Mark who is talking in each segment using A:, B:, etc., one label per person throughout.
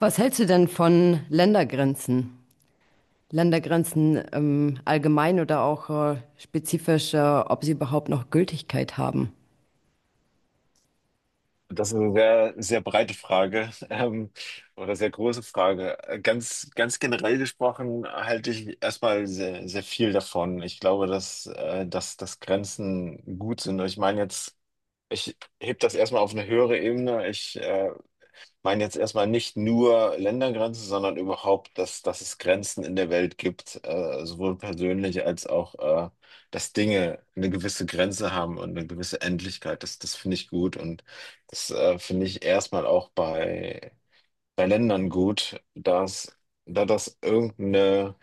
A: Was hältst du denn von Ländergrenzen? Ländergrenzen allgemein oder auch spezifisch, ob sie überhaupt noch Gültigkeit haben?
B: Das ist eine sehr, sehr breite Frage, oder sehr große Frage. Ganz ganz generell gesprochen halte ich erstmal sehr, sehr viel davon. Ich glaube, dass Grenzen gut sind. Ich meine jetzt, ich heb das erstmal auf eine höhere Ebene. Ich meine jetzt erstmal nicht nur Ländergrenzen, sondern überhaupt, dass es Grenzen in der Welt gibt, sowohl persönlich als auch, äh, dass Dinge eine gewisse Grenze haben und eine gewisse Endlichkeit. Das finde ich gut und das finde ich erstmal auch bei Ländern gut, da das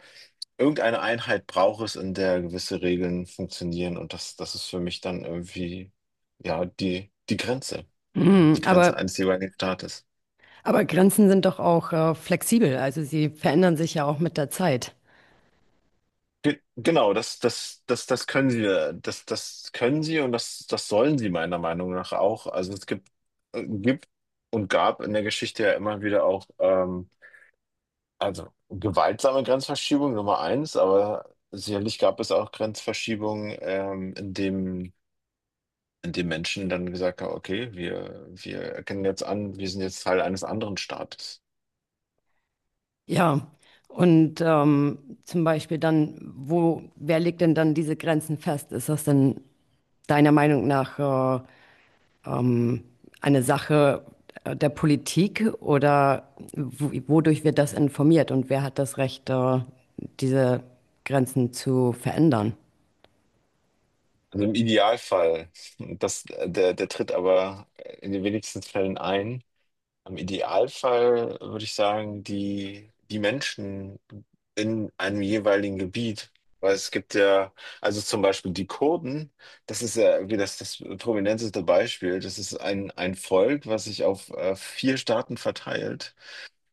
B: irgendeine Einheit braucht es, in der gewisse Regeln funktionieren und das ist für mich dann irgendwie, ja, die Grenze. Ja,
A: Mhm,
B: die Grenze
A: aber,
B: eines jeweiligen Staates.
A: aber Grenzen sind doch auch flexibel, also sie verändern sich ja auch mit der Zeit.
B: Genau, das können sie, das können sie und das sollen sie meiner Meinung nach auch. Also es gibt, gibt und gab in der Geschichte ja immer wieder auch, also gewaltsame Grenzverschiebung Nummer 1, aber sicherlich gab es auch Grenzverschiebungen, in dem Menschen dann gesagt haben, okay, wir erkennen jetzt an, wir sind jetzt Teil eines anderen Staates.
A: Ja, und zum Beispiel dann, wer legt denn dann diese Grenzen fest? Ist das denn deiner Meinung nach ähm, eine Sache der Politik, oder wodurch wird das informiert und wer hat das Recht, diese Grenzen zu verändern?
B: Also im Idealfall, der tritt aber in den wenigsten Fällen ein. Im Idealfall würde ich sagen, die Menschen in einem jeweiligen Gebiet. Weil es gibt ja, also zum Beispiel die Kurden, das ist ja irgendwie das prominenteste Beispiel. Das ist ein Volk, was sich auf 4 Staaten verteilt.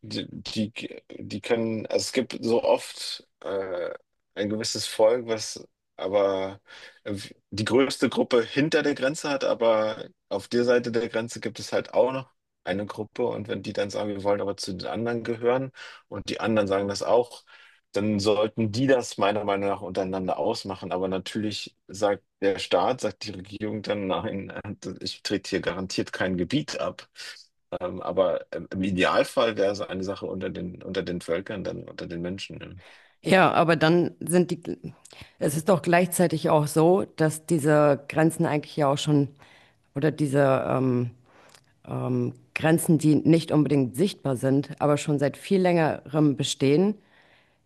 B: die, die, Die können, also es gibt so oft ein gewisses Volk, was aber äh, die größte Gruppe hinter der Grenze hat, aber auf der Seite der Grenze gibt es halt auch noch eine Gruppe, und wenn die dann sagen, wir wollen aber zu den anderen gehören und die anderen sagen das auch, dann sollten die das meiner Meinung nach untereinander ausmachen. Aber natürlich sagt der Staat, sagt die Regierung dann, nein, ich trete hier garantiert kein Gebiet ab. Aber im Idealfall wäre es eine Sache unter den Völkern, dann unter den Menschen.
A: Ja, aber dann sind die, Es ist doch gleichzeitig auch so, dass diese Grenzen eigentlich ja auch schon, oder diese Grenzen, die nicht unbedingt sichtbar sind, aber schon seit viel längerem bestehen,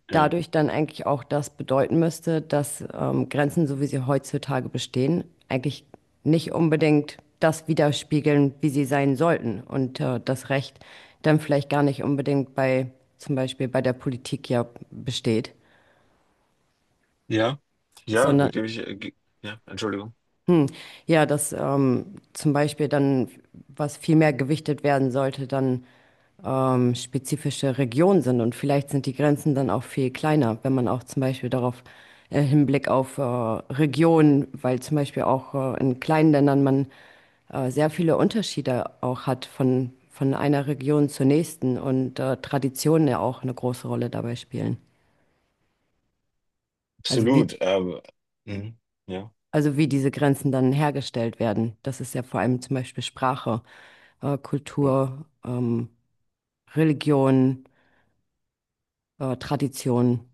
B: Ja.
A: dadurch dann eigentlich auch das bedeuten müsste, dass Grenzen, so wie sie heutzutage bestehen, eigentlich nicht unbedingt das widerspiegeln, wie sie sein sollten. Und das Recht dann vielleicht gar nicht unbedingt zum Beispiel bei der Politik ja besteht,
B: Ja. Ja,
A: sondern
B: gebe ich, äh, ge- ja, Entschuldigung.
A: Hm. Ja, dass zum Beispiel dann, was viel mehr gewichtet werden sollte, dann spezifische Regionen sind. Und vielleicht sind die Grenzen dann auch viel kleiner, wenn man auch zum Beispiel darauf Hinblick auf Regionen, weil zum Beispiel auch in kleinen Ländern man sehr viele Unterschiede auch hat von einer Region zur nächsten, und Traditionen ja auch eine große Rolle dabei spielen. Also wie
B: Absolut. Mhm, ja,
A: Also wie diese Grenzen dann hergestellt werden. Das ist ja vor allem zum Beispiel Sprache,
B: ja,
A: Kultur, Religion, Tradition.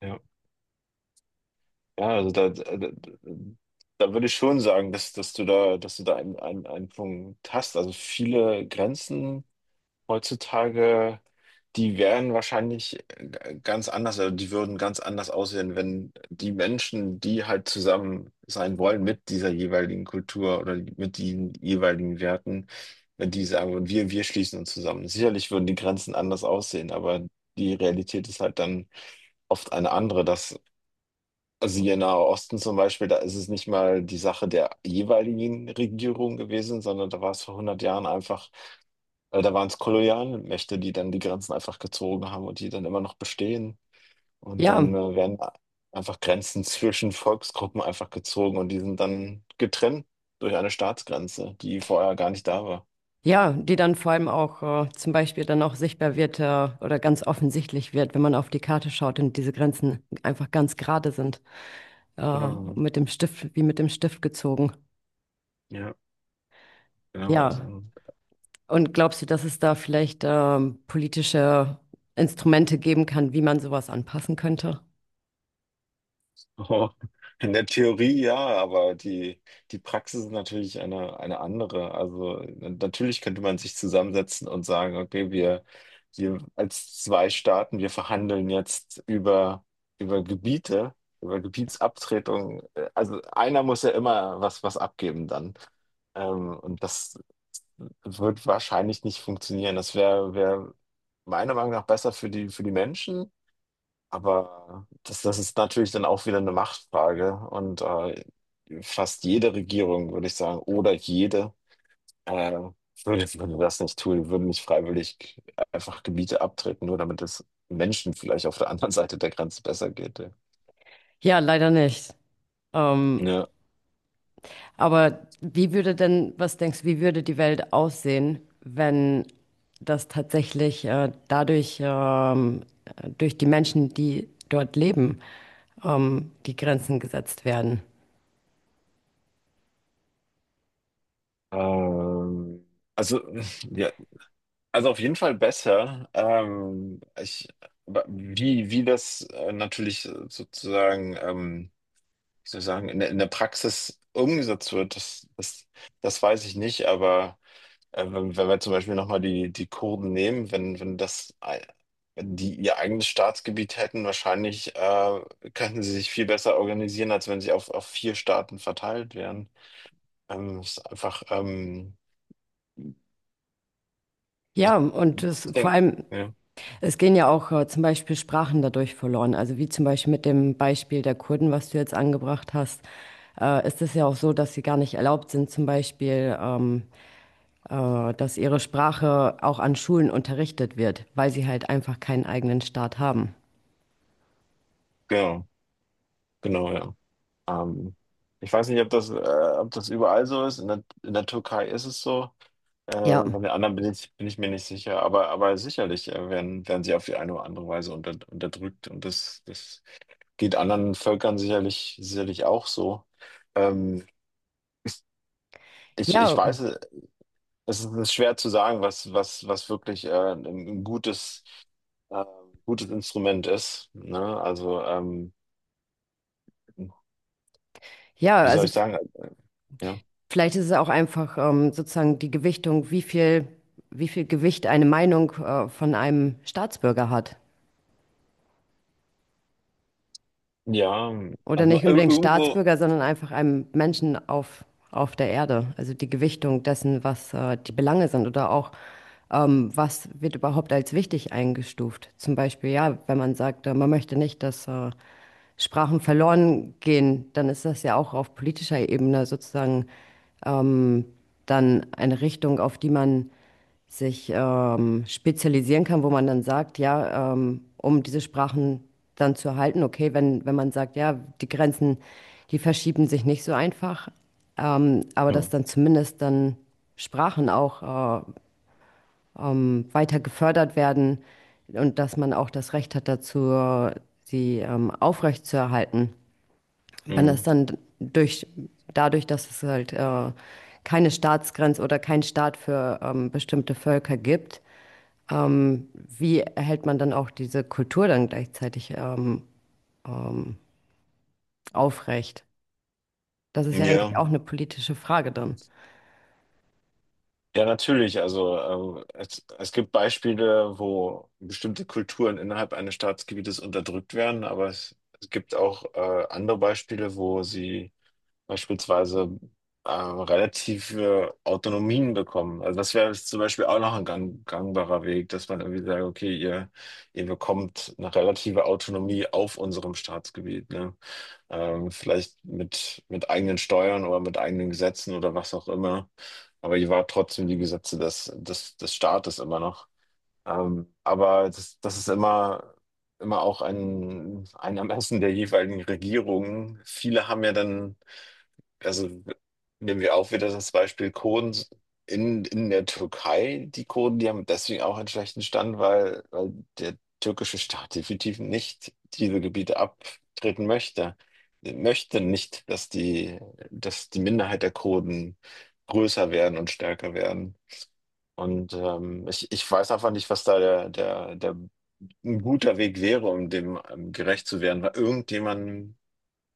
B: ja. Ja, also da da würde ich schon sagen, dass du da einen Punkt hast. Also viele Grenzen heutzutage, die wären wahrscheinlich ganz anders, also die würden ganz anders aussehen, wenn die Menschen, die halt zusammen sein wollen mit dieser jeweiligen Kultur oder mit den jeweiligen Werten, wenn die sagen würden, wir schließen uns zusammen. Sicherlich würden die Grenzen anders aussehen, aber die Realität ist halt dann oft eine andere, dass, also hier im Nahen Osten zum Beispiel, da ist es nicht mal die Sache der jeweiligen Regierung gewesen, sondern da war es vor 100 Jahren einfach da waren's Kolonialmächte, die dann die Grenzen einfach gezogen haben und die dann immer noch bestehen. Und dann
A: Ja,
B: einfach Grenzen zwischen Volksgruppen einfach gezogen, und die sind dann getrennt durch eine Staatsgrenze, die vorher gar nicht da war.
A: ja, die dann vor allem auch zum Beispiel dann auch sichtbar wird, oder ganz offensichtlich wird, wenn man auf die Karte schaut und diese Grenzen einfach ganz gerade sind,
B: Genau.
A: wie mit dem Stift gezogen.
B: Ja, genau.
A: Ja,
B: Also.
A: und glaubst du, dass es da vielleicht politische Instrumente geben kann, wie man sowas anpassen könnte?
B: Oh, in der Theorie ja, aber die Praxis ist natürlich eine andere. Also natürlich könnte man sich zusammensetzen und sagen, okay, wir als 2 Staaten, wir verhandeln jetzt über Gebiete, über Gebietsabtretung. Also einer muss ja immer was abgeben dann. Und das wird wahrscheinlich nicht funktionieren. Das wäre wär wär meiner Meinung nach besser für für die Menschen. Aber das ist natürlich dann auch wieder eine Machtfrage, und fast jede Regierung, würde ich sagen, oder jede, äh, würde das nicht tun, würde nicht freiwillig einfach Gebiete abtreten, nur damit es Menschen vielleicht auf der anderen Seite der Grenze besser geht. Ja.
A: Ja, leider nicht. Ähm,
B: Ja,
A: aber wie würde denn, was denkst du, wie würde die Welt aussehen, wenn das tatsächlich durch die Menschen, die dort leben, die Grenzen gesetzt werden?
B: ähm, also, ja, also auf jeden Fall besser. Aber wie das natürlich sozusagen. Wie soll ich sagen, in der Praxis umgesetzt wird, das weiß ich nicht, aber wenn wir zum Beispiel nochmal die Kurden nehmen, wenn, wenn das, ei- wenn die ihr eigenes Staatsgebiet hätten, wahrscheinlich könnten sie sich viel besser organisieren, als wenn sie auf 4 Staaten verteilt wären. Es ist einfach, ich,
A: Ja, und
B: Ich
A: vor
B: denke,
A: allem,
B: ja,
A: es gehen ja auch zum Beispiel Sprachen dadurch verloren. Also wie zum Beispiel mit dem Beispiel der Kurden, was du jetzt angebracht hast, ist es ja auch so, dass sie gar nicht erlaubt sind, zum Beispiel dass ihre Sprache auch an Schulen unterrichtet wird, weil sie halt einfach keinen eigenen Staat haben.
B: genau, genau, ja. Ähm, ich weiß nicht, ob das überall so ist. In der Türkei ist es so.
A: Ja,
B: Bei den anderen bin ich mir nicht sicher, aber sicherlich, werden sie auf die eine oder andere Weise unterdrückt, und das geht anderen Völkern sicherlich sicherlich auch so. Ähm, ich
A: ja,
B: weiß, es ist schwer zu sagen, was was wirklich, 'n 'n gutes, äh, gutes Instrument ist, ne? Also,
A: ja,
B: wie soll
A: also
B: ich sagen? Ja.
A: vielleicht ist es auch einfach sozusagen die Gewichtung, wie viel Gewicht eine Meinung von einem Staatsbürger hat.
B: Ja,
A: Oder
B: also,
A: nicht
B: ir
A: unbedingt
B: irgendwo
A: Staatsbürger, sondern einfach einem Menschen auf der Erde. Also die Gewichtung dessen, was die Belange sind oder auch, was wird überhaupt als wichtig eingestuft. Zum Beispiel, ja, wenn man sagt, man möchte nicht, dass Sprachen verloren gehen, dann ist das ja auch auf politischer Ebene sozusagen ähm, dann eine Richtung, auf die man sich spezialisieren kann, wo man dann sagt, ja, um diese Sprachen dann zu erhalten, okay, wenn man sagt, ja, die Grenzen, die verschieben sich nicht so einfach, aber
B: hm,
A: dass dann zumindest dann Sprachen auch weiter gefördert werden und dass man auch das Recht hat dazu, sie aufrechtzuerhalten. Wenn das
B: mhm,
A: dann durch, dadurch, dass es halt keine Staatsgrenze oder keinen Staat für bestimmte Völker gibt, wie erhält man dann auch diese Kultur dann gleichzeitig ähm, aufrecht? Das ist ja
B: ja.
A: eigentlich auch eine politische Frage dann.
B: Ja, natürlich. Also es gibt Beispiele, wo bestimmte Kulturen innerhalb eines Staatsgebietes unterdrückt werden, aber es gibt auch andere Beispiele, wo sie beispielsweise relative Autonomien bekommen. Also das wäre jetzt zum Beispiel auch noch ein gangbarer Weg, dass man irgendwie sagt, okay, ihr bekommt eine relative Autonomie auf unserem Staatsgebiet, ne? Ähm, vielleicht mit eigenen Steuern oder mit eigenen Gesetzen oder was auch immer. Aber ich war trotzdem die Gesetze des Staates immer noch. Aber das ist immer auch ein Ermessen der jeweiligen Regierungen. Viele haben ja dann, also nehmen wir auch wieder das Beispiel Kurden in der Türkei. Die Kurden, die haben deswegen auch einen schlechten Stand, weil der türkische Staat definitiv nicht diese Gebiete abtreten möchte. Möchte nicht, dass die Minderheit der Kurden größer werden und stärker werden. Und ich weiß einfach nicht, was da der ein guter Weg wäre, um dem gerecht zu werden, weil irgendjemand,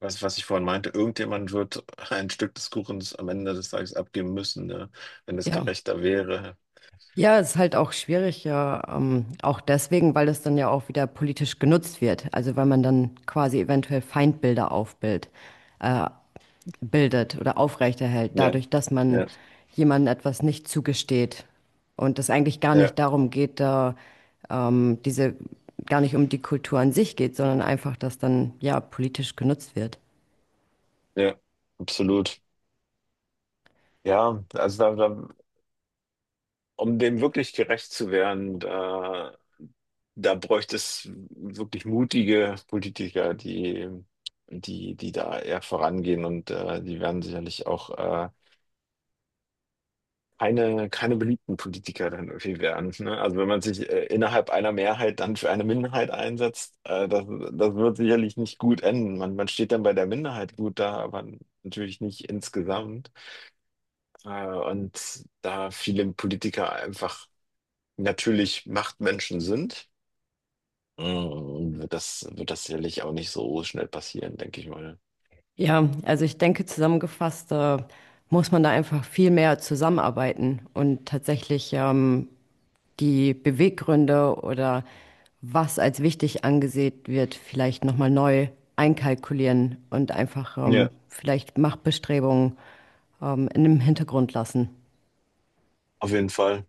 B: was ich vorhin meinte, irgendjemand wird ein Stück des Kuchens am Ende des Tages abgeben müssen, ne? Wenn es
A: Ja.
B: gerechter wäre.
A: Ja, ist halt auch schwierig, ja, auch deswegen, weil es dann ja auch wieder politisch genutzt wird. Also weil man dann quasi eventuell Feindbilder aufbildet, äh, bildet oder aufrechterhält,
B: Ja,
A: dadurch, dass man
B: ja,
A: jemandem etwas nicht zugesteht und es eigentlich gar
B: ja,
A: nicht darum geht, da diese gar nicht um die Kultur an sich geht, sondern einfach, dass dann ja politisch genutzt wird.
B: ja, absolut. Ja, also um dem wirklich gerecht zu werden, da bräuchte es wirklich mutige Politiker, die da eher vorangehen, und die werden sicherlich auch keine beliebten Politiker dann irgendwie werden. Ne? Also wenn man sich innerhalb einer Mehrheit dann für eine Minderheit einsetzt, das wird sicherlich nicht gut enden. Man steht dann bei der Minderheit gut da, aber natürlich nicht insgesamt. Und da viele Politiker einfach natürlich Machtmenschen sind, mm, wird wird das sicherlich auch nicht so schnell passieren, denke ich mal.
A: Ja, also ich denke, zusammengefasst, muss man da einfach viel mehr zusammenarbeiten und tatsächlich die Beweggründe oder was als wichtig angesehen wird, vielleicht nochmal neu einkalkulieren und einfach
B: Ja,
A: vielleicht Machtbestrebungen in dem Hintergrund lassen.
B: auf jeden Fall.